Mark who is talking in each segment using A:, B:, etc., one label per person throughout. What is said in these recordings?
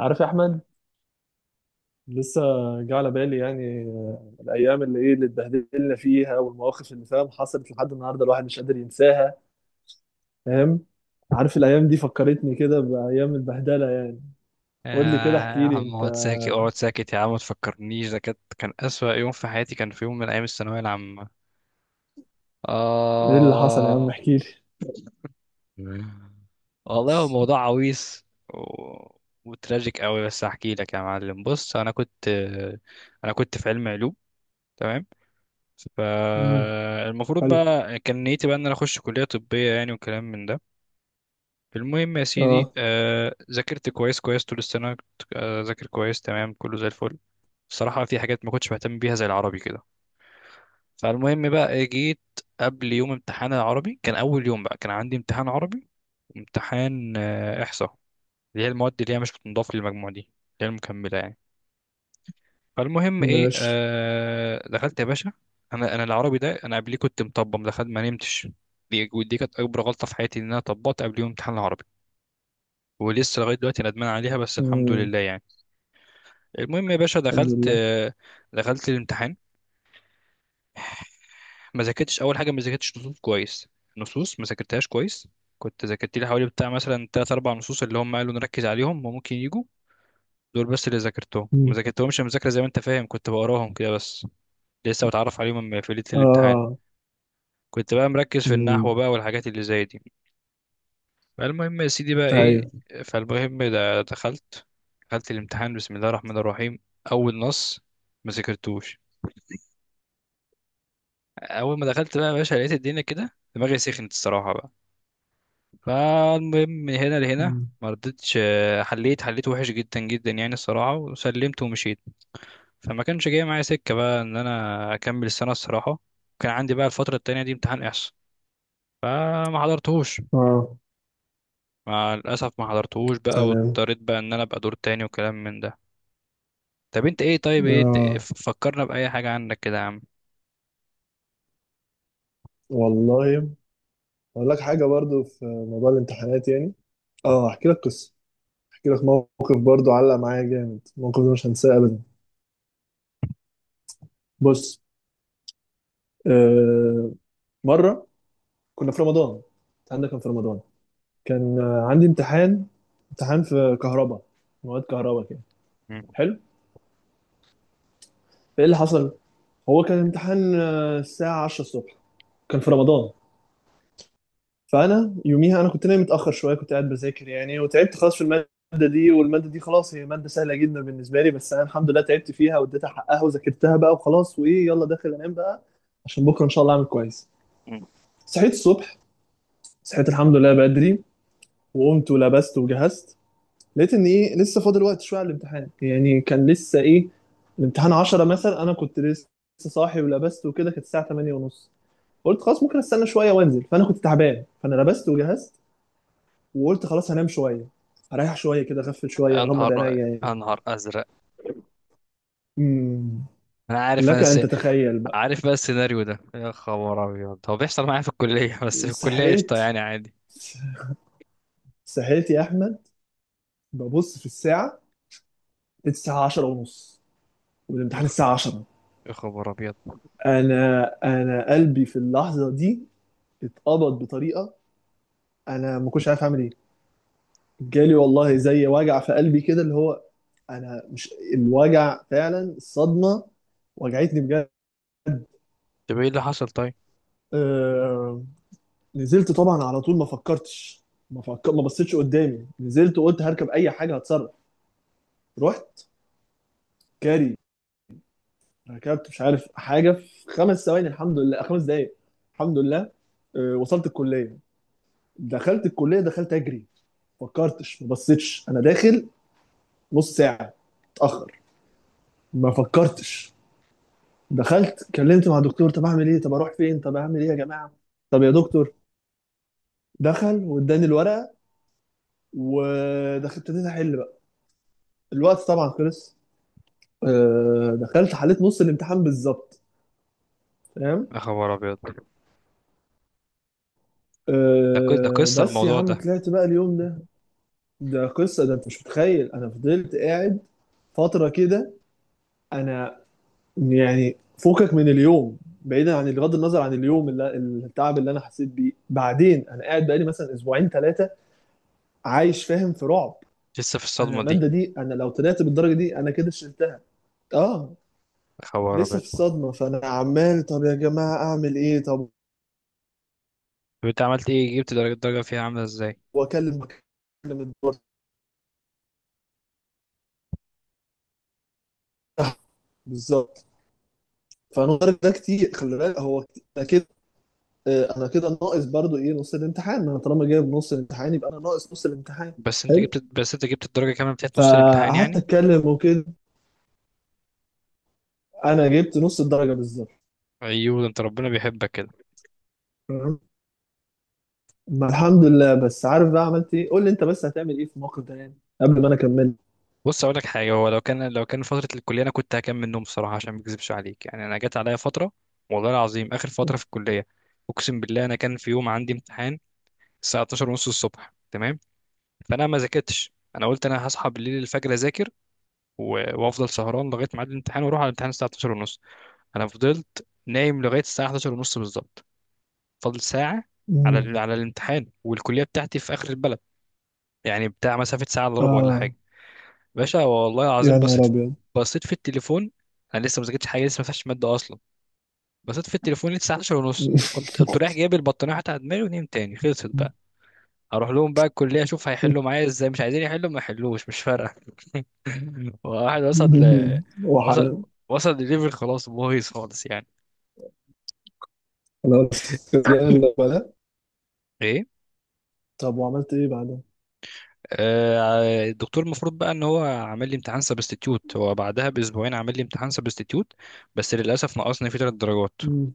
A: عارف يا احمد. لسه جه على بالي. يعني الايام اللي ايه اللي اتبهدلنا فيها والمواقف اللي فاهم حصلت لحد النهارده، الواحد مش قادر ينساها. فاهم؟ عارف الايام دي فكرتني كده بايام البهدله يعني. قول لي كده،
B: يا
A: احكي لي
B: عم،
A: انت.
B: اقعد ساكت اقعد ساكت يا عم، ما تفكرنيش. ده كان أسوأ يوم في حياتي. كان في يوم من أيام الثانوية العامة.
A: ايه اللي حصل يا عم؟
B: آه
A: احكي لي.
B: والله هو موضوع عويص و... وتراجيك قوي، بس هحكي لك يا معلم. بص، أنا كنت في علم علوم، تمام.
A: امم.
B: فالمفروض
A: حلو.
B: بقى كان نيتي بقى إن أنا أخش كلية طبية يعني، وكلام من ده. المهم يا سيدي،
A: اه.
B: ذاكرت كويس كويس طول السنة. كنت ذاكر كويس تمام، كله زي الفل. الصراحة في حاجات ما كنتش بهتم بيها زي العربي كده. فالمهم بقى، جيت قبل يوم امتحان العربي. كان أول يوم بقى كان عندي امتحان عربي وامتحان إحصاء، اللي هي المواد اللي هي مش بتنضاف للمجموع، دي اللي هي المكملة يعني. فالمهم إيه،
A: ماشي.
B: دخلت يا باشا. أنا العربي ده أنا قبليه كنت مطبق، ما دخلت ما نمتش. دي ودي كانت أكبر غلطة في حياتي، إن أنا طبقت قبل يوم امتحان العربي. ولسه لغايه دلوقتي ندمان عليها، بس الحمد
A: امم.
B: لله يعني. المهم يا باشا،
A: الحمد
B: دخلت،
A: لله.
B: دخلت الامتحان. ما ذاكرتش. اول حاجه ما ذاكرتش نصوص كويس. نصوص ما ذاكرتهاش كويس. كنت ذاكرت لي حوالي بتاع مثلا تلات اربع نصوص، اللي هم قالوا نركز عليهم وممكن يجوا دول بس. اللي ذاكرتهم ما
A: امم.
B: ذاكرتهمش مذاكره زي ما انت فاهم، كنت بقراهم كده بس، لسه بتعرف عليهم في ليله الامتحان.
A: اه.
B: كنت بقى مركز في
A: امم.
B: النحو بقى والحاجات اللي زي دي. فالمهم يا سيدي بقى ايه؟
A: ايوه.
B: فالمهم ده دخلت. دخلت الامتحان بسم الله الرحمن الرحيم. اول نص ما ذاكرتوش. اول ما دخلت بقى يا باشا، لقيت الدنيا كده، دماغي سخنت الصراحه بقى. فالمهم من هنا لهنا
A: امم.
B: ما رضيتش، حليت. حليت وحش جدا جدا يعني الصراحه، وسلمت ومشيت. فما كانش جاي معايا سكه بقى ان انا اكمل السنه الصراحه. كان عندي بقى الفتره التانية دي امتحان احصاء. فما حضرتهوش.
A: اه.
B: مع الاسف ما حضرتهوش بقى،
A: تمام.
B: واضطريت بقى ان انا ابقى دور تاني وكلام من ده. طب انت ايه؟ طيب، ايه
A: اه.
B: فكرنا بأي حاجة عنك كده يا عم؟
A: والله، اقول لك حاجه برضو في موضوع الامتحانات يعني. اه، احكي لك قصه، احكي لك موقف برضو علق معايا جامد. الموقف ده مش هنساه ابدا. بص، آه مره كنا في رمضان. الكلام ده كان في رمضان. كان عندي امتحان، امتحان في كهرباء، مواد كهرباء كده.
B: مم.
A: حلو. ايه اللي حصل؟ هو كان امتحان الساعه 10 الصبح، كان في رمضان. فانا يوميها انا كنت نايم متاخر شويه، كنت قاعد بذاكر يعني وتعبت خلاص في الماده دي. والماده دي خلاص هي ماده سهله جدا بالنسبه لي، بس انا الحمد لله تعبت فيها واديتها حقها وذاكرتها بقى وخلاص. وايه، يلا داخل انام بقى عشان بكره ان شاء الله اعمل كويس.
B: مم.
A: صحيت الصبح، صحيت الحمد لله بدري، وقمت ولبست وجهزت. لقيت ان ايه، لسه فاضل وقت شويه على الامتحان يعني. كان لسه ايه، الامتحان 10 مثلا، انا كنت لسه صاحي ولبست وكده كانت الساعه 8 ونص. قلت خلاص ممكن استنى شويه وانزل، فانا كنت تعبان فانا لبست وجهزت، وقلت خلاص هنام شويه، هريح شويه كده، اغفل شويه اغمض
B: انهار
A: عينيا يعني.
B: انهار ازرق.
A: امم.
B: انا عارف،
A: لك ان تتخيل بقى.
B: عارف بقى السيناريو ده. يا خبر ابيض، هو بيحصل معايا في الكلية بس في الكلية قشطة
A: صحيت
B: يعني عادي.
A: صحيت يا احمد، ببص في الساعه، لقيت الساعه 10 ونص
B: يا
A: والامتحان
B: خ-
A: الساعة 10.
B: يا خبر ابيض.
A: انا قلبي في اللحظة دي اتقبض بطريقة. انا ما كنتش عارف اعمل ايه. جالي والله زي وجع في قلبي كده، اللي هو انا مش الوجع فعلا، الصدمة وجعتني بجد.
B: طب ايه اللي حصل؟ طيب.
A: آه... نزلت طبعا على طول، ما فكرتش. ما بصيتش قدامي، نزلت وقلت هركب اي حاجة هتصرف. رحت جري، ركبت مش عارف حاجة في خمس ثواني، الحمد لله، خمس دقايق الحمد لله. وصلت الكلية. دخلت الكلية، دخلت اجري، فكرتش ما بصيتش انا داخل نص ساعه اتاخر، ما فكرتش. دخلت كلمت مع الدكتور، طب اعمل ايه، طب اروح فين، طب اعمل ايه يا جماعه، طب يا دكتور. دخل واداني الورقه، ودخلت ابتديت احل بقى. الوقت طبعا خلص. دخلت حليت نص الامتحان بالظبط. فاهم.
B: يا خبر ابيض ده قصة ده قصة
A: بس يا
B: الموضوع
A: عم
B: ده
A: طلعت بقى اليوم ده. ده قصه، ده انت مش متخيل، انا فضلت قاعد فتره كده. انا يعني فوقك من اليوم، بعيدا عن بغض النظر عن اليوم اللي التعب اللي انا حسيت بيه، بعدين انا قاعد بقالي مثلا اسبوعين ثلاثه عايش فاهم في رعب.
B: لسه في
A: انا
B: الصدمة دي
A: الماده دي انا لو طلعت بالدرجه دي انا كده شلتها. اه.
B: يا خبر
A: لسه في
B: ابيض.
A: الصدمه، فانا عمال طب يا جماعه اعمل ايه طب.
B: طب انت عملت ايه؟ جبت درجة؟ الدرجة فيها عاملة ازاي؟
A: واكلم الدكتور بتاعها. بالظبط. فانا الدرجه ده كتير، خلي بالك هو كتير. أنا كده انا كده ناقص برضو ايه نص الامتحان، انا طالما جايب نص الامتحان يبقى انا ناقص نص الامتحان.
B: بس انت
A: حلو.
B: جبت بس انت جبت الدرجة كمان بتاعت نص الامتحان
A: فقعدت
B: يعني.
A: اتكلم وكده، انا جبت نص الدرجه بالظبط.
B: ايوه، ده انت ربنا بيحبك كده.
A: تمام. ما الحمد لله. بس عارف بقى عملت ايه؟ قول لي انت، بس هتعمل ايه في الموقف ده يعني، قبل ما انا اكمل.
B: بص اقول لك حاجه، هو لو كان فتره الكليه، انا كنت هكمل نوم بصراحه، عشان ما اكذبش عليك يعني. انا جت عليا فتره، والله العظيم، اخر فتره في الكليه. اقسم بالله، انا كان في يوم عندي امتحان الساعه 12 ونص الصبح، تمام. فانا ما ذاكرتش. انا قلت انا هصحى بالليل، الفجر اذاكر، وافضل سهران لغايه ميعاد الامتحان واروح على الامتحان الساعه 12 ونص. انا فضلت نايم لغايه الساعه 11 ونص بالظبط، فاضل ساعه
A: مم.
B: على الامتحان. والكليه بتاعتي في اخر البلد، يعني بتاع مسافه ساعه الا ربع ولا
A: اه.
B: حاجه. باشا والله العظيم،
A: يا نهار
B: بصيت.
A: ابيض.
B: بصيت في التليفون، انا لسه ما ذاكرتش حاجه، لسه ما فتحتش ماده اصلا. بصيت في التليفون لقيت الساعه 11 ونص. قمت رايح جايب البطانيه حتى على دماغي ونمت تاني، خلصت بقى. اروح لهم بقى الكليه اشوف هيحلوا معايا ازاي، مش عايزين يحلوا ما يحلوش مش فارقه. واحد وصل
A: وحل.
B: وصل لليفل، خلاص بايظ خالص يعني.
A: خلاص كده. لا بلا.
B: ايه.
A: طب وعملت ايه بعدها؟
B: الدكتور المفروض بقى ان هو عامل لي امتحان سبستيتيوت، هو بعدها باسبوعين عامل لي امتحان سبستيتيوت. بس للاسف نقصني فيه 3 درجات.
A: مم.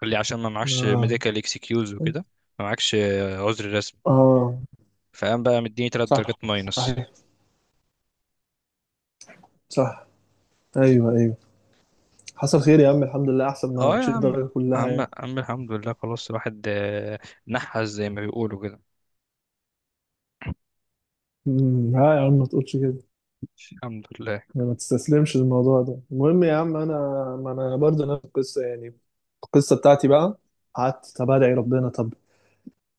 B: قال لي عشان ما معكش
A: اه.
B: ميديكال اكسكيوز وكده. ما معكش عذر رسمي.
A: اه.
B: فقام بقى مديني تلات
A: صح.
B: درجات ماينس.
A: صحيح. صح. ايوه ايوه. حصل خير يا عم، الحمد لله احسن ما
B: اه يا
A: تشيل
B: عم
A: الدرجه كلها
B: عم
A: يعني.
B: عم الحمد لله خلاص. الواحد نحس زي ما بيقولوا كده.
A: مم. لا يا عم ما تقولش كده
B: الحمد لله.
A: يعني، ما تستسلمش للموضوع ده. المهم يا عم انا، ما انا برضه نفس القصه يعني. القصه بتاعتي بقى، قعدت طب ادعي ربنا، طب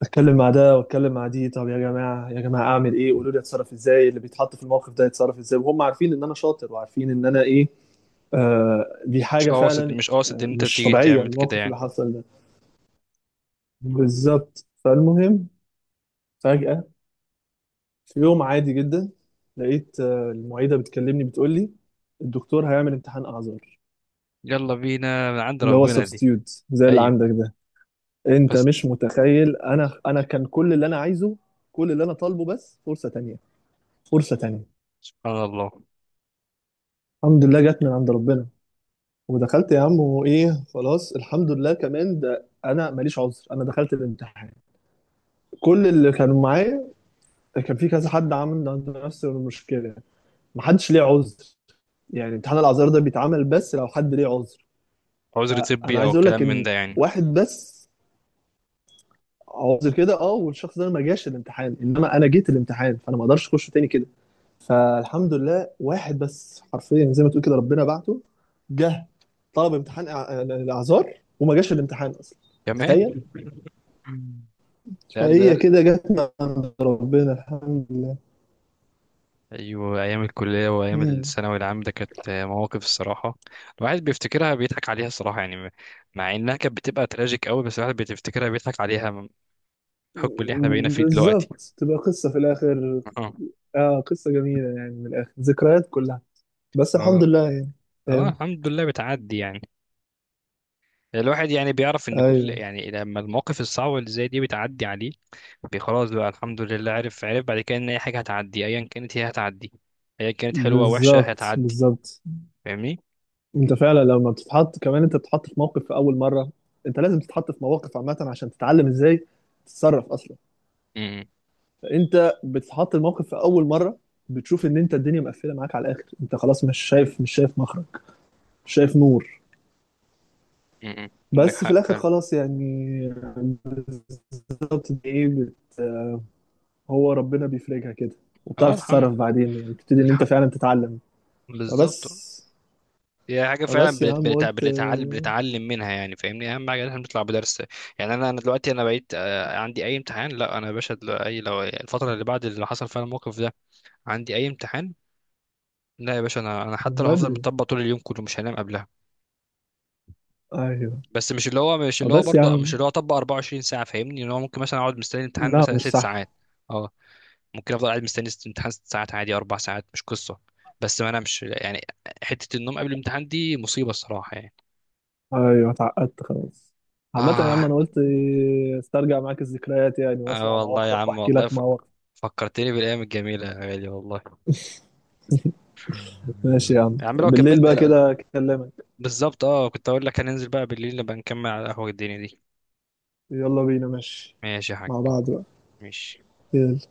A: اتكلم مع ده واتكلم مع دي، طب يا جماعه يا جماعه اعمل ايه، قولوا لي اتصرف ازاي، اللي بيتحط في الموقف ده يتصرف ازاي، وهم عارفين ان انا شاطر وعارفين ان انا ايه. آه، دي
B: مش
A: حاجه
B: قاصد
A: فعلا.
B: مش قاصد ان انت
A: مش
B: تيجي
A: طبيعيه
B: تعمل كده
A: الموقف اللي
B: يعني.
A: حصل ده. بالظبط. فالمهم، فجاه في يوم عادي جدا لقيت المعيده بتكلمني بتقول لي الدكتور هيعمل امتحان اعذار،
B: يلا بينا، من عند
A: اللي هو
B: ربنا دي.
A: السبستيوت زي اللي
B: ايوه.
A: عندك ده. انت
B: بس.
A: مش متخيل، انا انا كان كل اللي انا عايزه، كل اللي انا طالبه بس فرصه تانية، فرصه تانية.
B: سبحان الله.
A: الحمد لله جت من عند ربنا. ودخلت يا عم وايه خلاص، الحمد لله كمان ده انا ماليش عذر. انا دخلت الامتحان، كل اللي كانوا معايا كان في كذا حد عامل عنده نفس المشكله، محدش ليه عذر. يعني امتحان الاعذار ده بيتعمل بس لو حد ليه عذر.
B: عذر
A: فانا
B: طبي او
A: عايز اقول
B: كلام
A: لك
B: من
A: ان
B: ده يعني.
A: واحد بس عاوز كده، اه، والشخص ده ما جاش الامتحان، انما انا جيت الامتحان فانا ما اقدرش اخشه تاني كده. فالحمد لله واحد بس حرفيا زي ما تقول كده، ربنا بعته. جه طلب امتحان الاعذار وما جاش الامتحان اصلا.
B: كمان
A: تخيل.
B: ده
A: فهي
B: ده
A: كده جت من عند ربنا الحمد لله.
B: ايوه، ايام الكليه وايام
A: مم.
B: الثانوي العام ده كانت مواقف الصراحه. الواحد بيفتكرها بيضحك عليها الصراحه يعني. مع انها كانت بتبقى تراجيك قوي، بس الواحد بيفتكرها بيضحك عليها، بحكم اللي احنا بقينا فيه دلوقتي.
A: بالظبط، تبقى قصة في الآخر.
B: اه،
A: اه قصة جميلة يعني، من الآخر ذكريات كلها، بس الحمد
B: اه،
A: لله يعني.
B: اه،
A: فاهم.
B: الحمد لله بتعدي يعني. الواحد يعني بيعرف ان كل
A: ايوه.
B: يعني لما المواقف الصعبه اللي زي دي بتعدي عليه. خلاص بقى الحمد لله. عرف بعد كده ان اي حاجه هتعدي، ايا كانت هي هتعدي، ايا كانت حلوه وحشه
A: بالظبط
B: هتعدي.
A: بالظبط.
B: فاهمني.
A: انت فعلا لما بتتحط كمان، انت بتتحط في موقف في اول مره، انت لازم تتحط في مواقف عامه عشان تتعلم ازاي تتصرف اصلا.
B: امم
A: فانت بتتحط الموقف في اول مره، بتشوف ان انت الدنيا مقفله معاك على الاخر، انت خلاص مش شايف مخرج، مش شايف نور.
B: انك
A: بس في
B: حق
A: الاخر
B: فعلا.
A: خلاص يعني. بالظبط. دي ايه، هو ربنا بيفرجها كده،
B: اه،
A: وبتعرف
B: الحمد،
A: تتصرف بعدين، يعني بتبتدي ان
B: الح-
A: انت فعلا تتعلم.
B: بالظبط.
A: فبس.
B: هي حاجة فعلا
A: فبس يا
B: بنت-
A: عم
B: بنت-
A: قلت
B: بنتعلم بنتعلم منها يعني، فاهمني. أهم حاجة إن إحنا بنطلع بدرس يعني. أنا دلوقتي أنا بقيت، عندي أي امتحان. لا، أنا يا باشا أي لو الفترة اللي بعد اللي حصل فيها الموقف ده عندي أي امتحان، لا يا باشا، أنا حتى
A: من
B: لو هفضل
A: بدري.
B: مطبق طول اليوم كله مش هنام قبلها.
A: ايوه.
B: بس
A: فبس يا
B: مش
A: عم.
B: اللي هو أطبق 24 ساعة. فاهمني إن هو ممكن مثلا أقعد مستني الامتحان
A: لا
B: مثلا
A: مش
B: ست
A: صح.
B: ساعات أه، ممكن أفضل قاعد مستني امتحان 6 ساعات عادي، 4 ساعات مش قصة. بس ما أنامش يعني. حتة النوم قبل الامتحان دي مصيبة الصراحة يعني.
A: ايوه اتعقدت خلاص. عامة يا عم
B: آه
A: انا قلت استرجع معاك الذكريات يعني،
B: اه
A: واسمع
B: والله يا
A: مواقفك
B: عم،
A: واحكي
B: والله
A: لك مواقفك.
B: فكرتني بالايام الجميله يا غالي والله.
A: ماشي يا عم،
B: يا عم، لو
A: بالليل
B: كملت.
A: بقى
B: لا،
A: كده اكلمك.
B: بالظبط، اه، كنت اقول لك هننزل بقى بالليل نبقى نكمل على القهوه الدنيا دي.
A: يلا بينا ماشي.
B: ماشي يا حاج،
A: مع بعض بقى.
B: ماشي.
A: يلا.